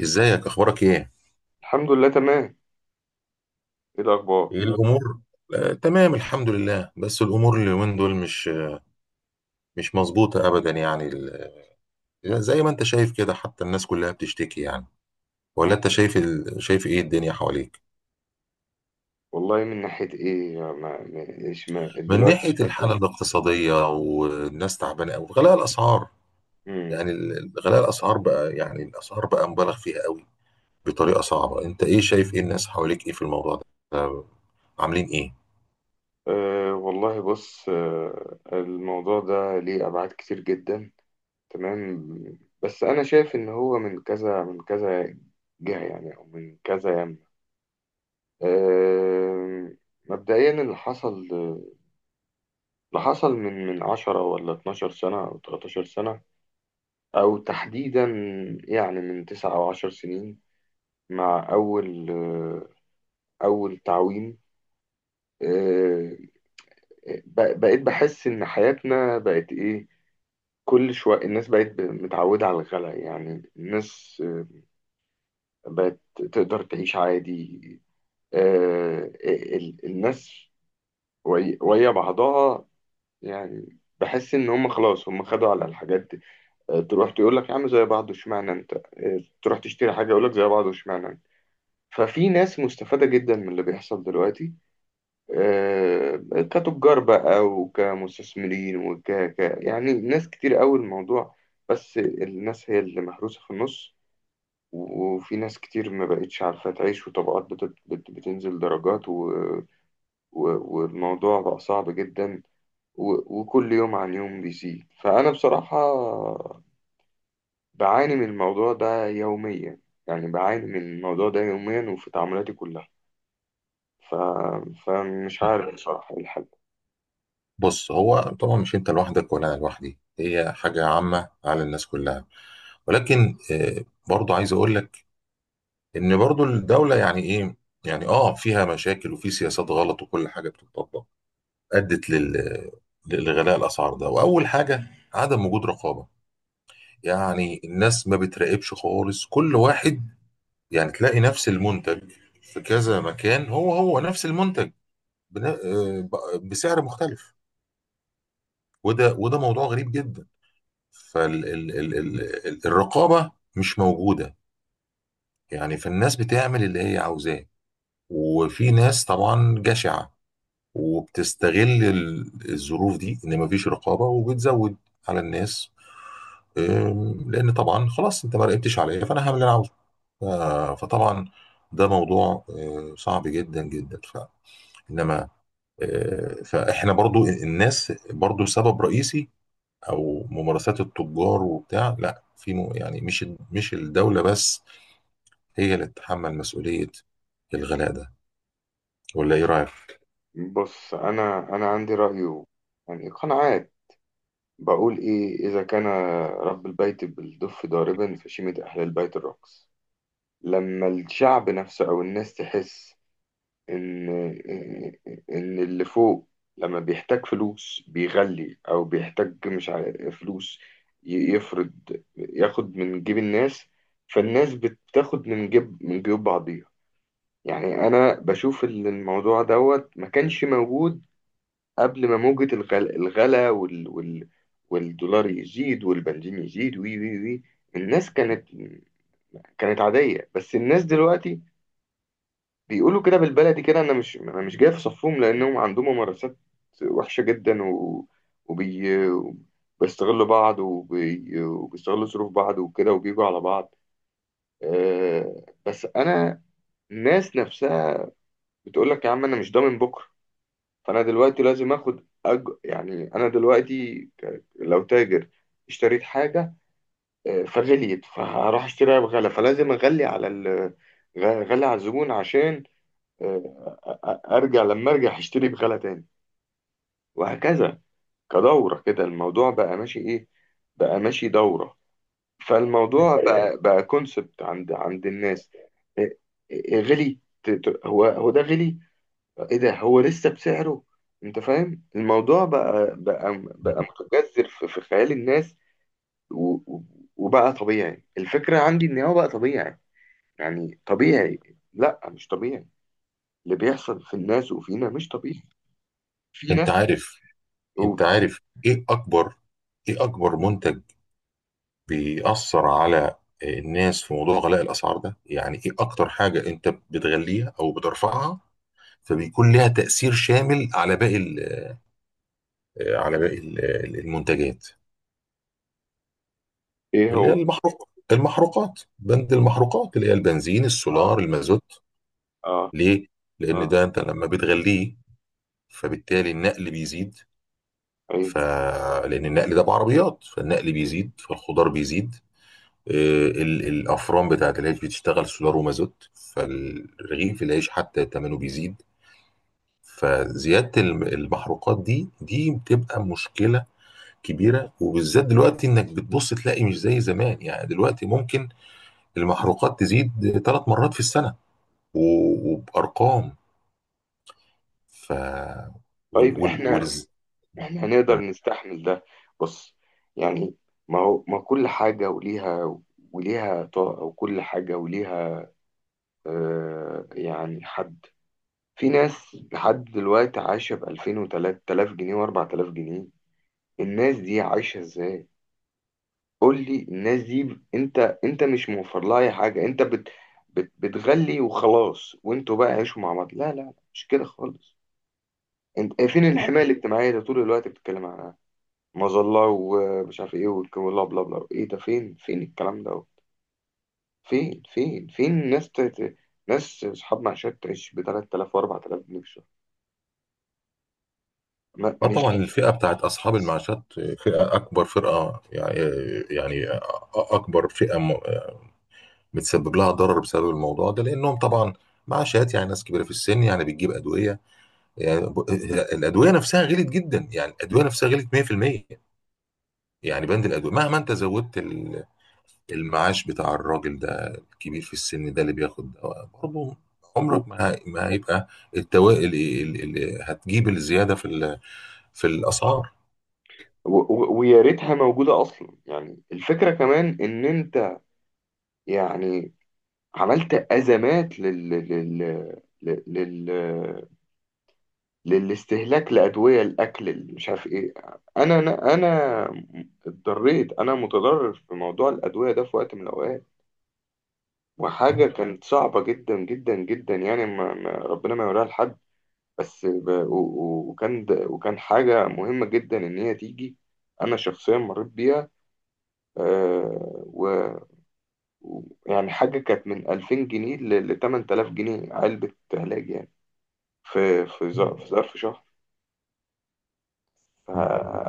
ازيك، اخبارك ايه؟ الحمد لله تمام. ايه الاخبار؟ ايه الامور؟ تمام الحمد لله، بس الامور اليومين دول مش مظبوطه ابدا. يعني زي ما انت شايف كده، حتى الناس كلها بتشتكي يعني. ولا انت شايف شايف ايه الدنيا حواليك؟ والله من ناحيه ايه، ما مش ما من دلوقتي في ناحيه الحاله شكوى. الاقتصاديه، والناس تعبانه قوي، غلاء الاسعار. امم غلاء الاسعار بقى، يعني الاسعار بقى مبالغ فيها قوي، بطريقه صعبه. انت ايه شايف، ايه الناس حواليك، ايه في الموضوع ده؟ آه، عاملين ايه؟ أه والله، بص، أه الموضوع ده ليه ابعاد كتير جدا، تمام. بس انا شايف ان هو من كذا جهه، يعني او من كذا يمه. أه مبدئيا اللي حصل من 10 ولا 12 سنه او 13 سنه، او تحديدا يعني من 9 او 10 سنين، مع أول تعويم. آه، بقيت بحس إن حياتنا بقت إيه. كل شوية الناس متعودة على الغلا، يعني الناس بقت تقدر تعيش عادي. الناس ويا بعضها، يعني بحس إن هم خلاص هم خدوا على الحاجات دي. تروح تقول لك يا عم زي بعض واشمعنى أنت، تروح تشتري حاجة يقول لك زي بعض واشمعنى أنت. ففي ناس مستفادة جدا من اللي بيحصل دلوقتي، آه، كتجار بقى وكمستثمرين يعني ناس كتير قوي الموضوع. بس الناس هي اللي محروسة في النص، وفي ناس كتير ما بقتش عارفة تعيش، وطبقات بتنزل درجات و... والموضوع بقى صعب جدا، وكل يوم عن يوم بيزيد. فأنا بصراحة بعاني من الموضوع ده يوميا، يعني بعاني من الموضوع ده يوميا وفي تعاملاتي كلها. ف... فمش عارف بصراحة إيه الحل. بص، هو طبعا مش انت لوحدك ولا انا لوحدي، هي حاجه عامه على الناس كلها. ولكن برضو عايز اقول لك ان برضو الدوله يعني ايه، يعني فيها مشاكل وفي سياسات غلط، وكل حاجه بتطبق ادت لغلاء الاسعار ده. واول حاجه عدم وجود رقابه، يعني الناس ما بتراقبش خالص، كل واحد يعني تلاقي نفس المنتج في كذا مكان، هو هو نفس المنتج، بن- آه، بسعر مختلف. وده موضوع غريب جدا. فالرقابة مش موجودة، يعني فالناس بتعمل اللي هي عاوزاه. وفي ناس طبعا جشعة، وبتستغل الظروف دي، ان مفيش رقابة، وبتزود على الناس. لان طبعا خلاص انت ما راقبتش عليا، فانا هعمل اللي انا عاوزه. فطبعا ده موضوع صعب جدا جدا. انما فاحنا برضو، الناس برضو سبب رئيسي، او ممارسات التجار وبتاع، لا في يعني مش الدوله بس هي اللي تتحمل مسؤوليه الغلاء ده. ولا ايه رايك؟ بص، انا عندي رأي، يعني قناعات. بقول ايه، اذا كان رب البيت بالدف ضاربا فشيمة اهل البيت الرقص. لما الشعب نفسه او الناس تحس ان اللي فوق لما بيحتاج فلوس بيغلي، او بيحتاج مش عارف فلوس، يفرض ياخد من جيب الناس، فالناس بتاخد من جيب من جيوب بعضيها. يعني انا بشوف ان الموضوع دوت ما كانش موجود قبل ما موجة الغلا, والدولار يزيد والبنزين يزيد وي وي وي الناس كانت كانت عادية، بس الناس دلوقتي بيقولوا كده بالبلدي كده. انا مش جاي في صفهم لانهم عندهم ممارسات وحشة جدا، وبي... وبيستغلوا بعض، وبيستغلوا ظروف بعض وكده، وبيجوا على بعض. بس انا الناس نفسها بتقول لك يا عم انا مش ضامن بكرة، فانا دلوقتي لازم اخد يعني انا دلوقتي لو تاجر اشتريت حاجه، فغليت، فهروح اشتريها بغلا، فلازم اغلي على غلي على الزبون، عشان آه، أ- ارجع لما ارجع اشتري بغلا تاني، وهكذا. كدوره كده، الموضوع بقى ماشي ايه، بقى ماشي دوره. أيوة. فالموضوع بقى كونسبت عند الناس. آه، غلي هو ده غلي، ايه ده هو لسه بسعره. انت فاهم، الموضوع بقى مم. متجذر في خيال الناس. و- و- وبقى طبيعي، الفكرة عندي ان هو بقى طبيعي، يعني طبيعي. لا مش طبيعي، اللي بيحصل في الناس وفينا مش طبيعي. في انت ناس. عارف انت قول. عارف ايه اكبر، ايه اكبر منتج بيأثر على الناس في موضوع غلاء الاسعار ده؟ يعني ايه اكتر حاجة انت بتغليها او بترفعها فبيكون لها تأثير شامل على على باقي المنتجات؟ ايه. اللي هي هو المحروقات، بند المحروقات اللي هي البنزين، اه. السولار، المازوت. اه. ليه؟ اه. لأن ده أنت لما بتغليه فبالتالي النقل بيزيد. ايه. ف لأن النقل ده بعربيات، فالنقل بيزيد، فالخضار بيزيد. آه، الأفران بتاعت العيش بتشتغل سولار ومازوت، فالرغيف العيش حتى ثمنه بيزيد. فزيادة المحروقات دي بتبقى مشكلة كبيرة، وبالذات دلوقتي إنك بتبص تلاقي مش زي زمان. يعني دلوقتي ممكن المحروقات تزيد ثلاث مرات في السنة، وبأرقام. ف وال... طيب وال... احنا، وال... احنا هنقدر نستحمل ده؟ بص، يعني ما هو ما كل حاجة وليها طاقة، وكل حاجة وليها. يعني حد، في ناس لحد دلوقتي عايشة ب 2000 و3000 جنيه و4000 جنيه، الناس دي عايشة ازاي؟ قول لي الناس دي انت مش موفر لها اي حاجة، انت بت بت بتغلي وخلاص، وانتوا بقى عيشوا مع بعض. لا، مش كده خالص. انت، فين الحماية الاجتماعية ده طول الوقت بتتكلم عنها، مظلة ومش عارف ايه، والكلام بلا بلا. ايه ده؟ فين فين الكلام ده؟ فين فين ناس ناس اصحاب معاشات تعيش ب 3000 و 4000 جنيه، ما طيب، مش. طبعا الفئة بتاعت أصحاب المعاشات فئة أكبر فرقة، يعني يعني أكبر فئة متسبب لها ضرر بسبب الموضوع ده، لأنهم طبعا معاشات، يعني ناس كبيرة في السن يعني بتجيب أدوية. يعني ب- الأدوية نفسها غلت جدا، يعني الأدوية نفسها غلت 100%. يعني بند الأدوية مهما أنت زودت المعاش بتاع الراجل ده الكبير في السن ده اللي بياخد ده، برضه عمرك ما هيبقى التوائل اللي هتجيب الزياده في في الاسعار. ويا ريتها موجودة أصلا، يعني الفكرة كمان إن أنت يعني عملت أزمات لل لل لل لل للاستهلاك لأدوية الأكل اللي مش عارف إيه. أنا اتضريت، أنا متضرر في موضوع الأدوية ده في وقت من الأوقات، م- وحاجة كانت صعبة جدا جدا جدا، يعني ما ربنا ما يوريها لحد. بس وكان حاجة مهمة جدا إن هي تيجي، أنا شخصيا مريت بيها. آه، و يعني حاجة كانت من 2000 جنيه ل 8000 جنيه علبة علاج، يعني في م- في ظرف شهر. ف- م.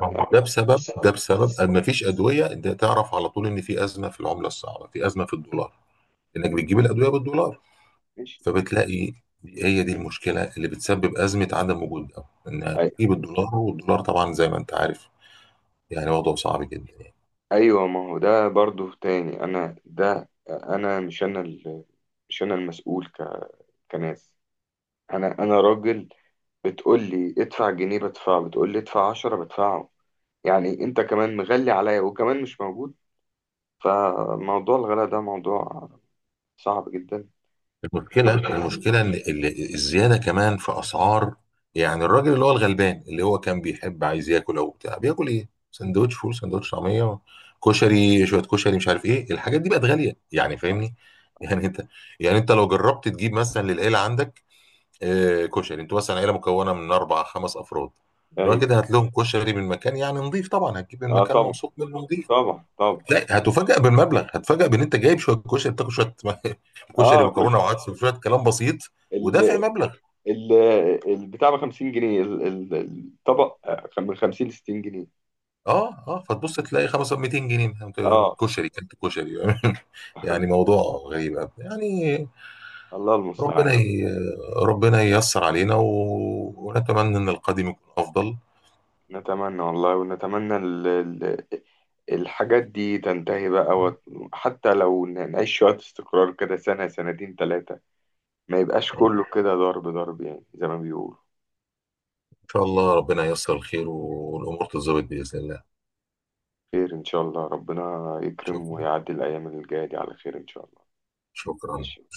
ما هو يعني ده بسبب أن ما فيش ادويه. ده تعرف على طول ان في ازمه في العمله الصعبه، في ازمه في الدولار، انك بتجيب الادويه بالدولار. ماشي. فبتلاقي هي دي المشكله اللي بتسبب ازمه عدم وجود، ده انها أي- بتجيب الدولار، والدولار طبعا زي ما انت عارف يعني وضعه صعب جدا. ايوه، ما هو ده برضو تاني. انا مش انا المسؤول كناس، انا راجل. بتقول لي ادفع جنيه بدفعه، بتقول لي ادفع عشرة بدفعه، يعني انت كمان مغلي عليا وكمان مش موجود. فموضوع الغلاء ده موضوع صعب جدا. المشكلة ان الزيادة كمان في اسعار، يعني الراجل اللي هو الغلبان اللي هو كان بيحب، عايز ياكل او بتاع، بياكل ايه؟ سندوتش فول، سندوتش طعمية، كشري، شوية كشري، مش عارف ايه. الحاجات دي بقت غالية يعني، فاهمني؟ يعني انت يعني انت لو جربت تجيب مثلا للعيلة عندك كشري. انتوا مثلا عيلة مكونة من اربع خمس افراد، الراجل ايوه، كده هات لهم كشري من مكان يعني نظيف، طبعا هتجيب من اه، مكان طبعا موثوق منه نظيف. طبعا طبعا. لا، هتفاجأ بالمبلغ، هتفاجأ بان انت جايب شويه كشري، بتاكل شويه اه، كشري، خش مكرونه وعدس وشويه كلام بسيط، ال ودافع مبلغ. ال البتاع ب 50 جنيه، الطبق من 50 ل 60 جنيه. اه، اه، فتبص تلاقي 500، 200 جنيه أنت اه. كشري، كانت كشري يعني موضوع غريب أوي. يعني الله المستعان ربنا بقى. ي... ربنا ييسر علينا ونتمنى ان القادم يكون افضل. نتمنى والله، ونتمنى ال الحاجات دي تنتهي بقى حتى لو نعيش شوية استقرار كده، سنة سنتين ثلاثة، ما يبقاش كله كده ضرب ضرب، يعني زي ما بيقولوا. ان شاء الله ربنا ييسر الخير، والامور تتظبط باذن الله. خير إن شاء الله، ربنا يكرم شكرا، ويعدي الأيام اللي جاية دي على خير إن شاء الله. شكرا. ماشي.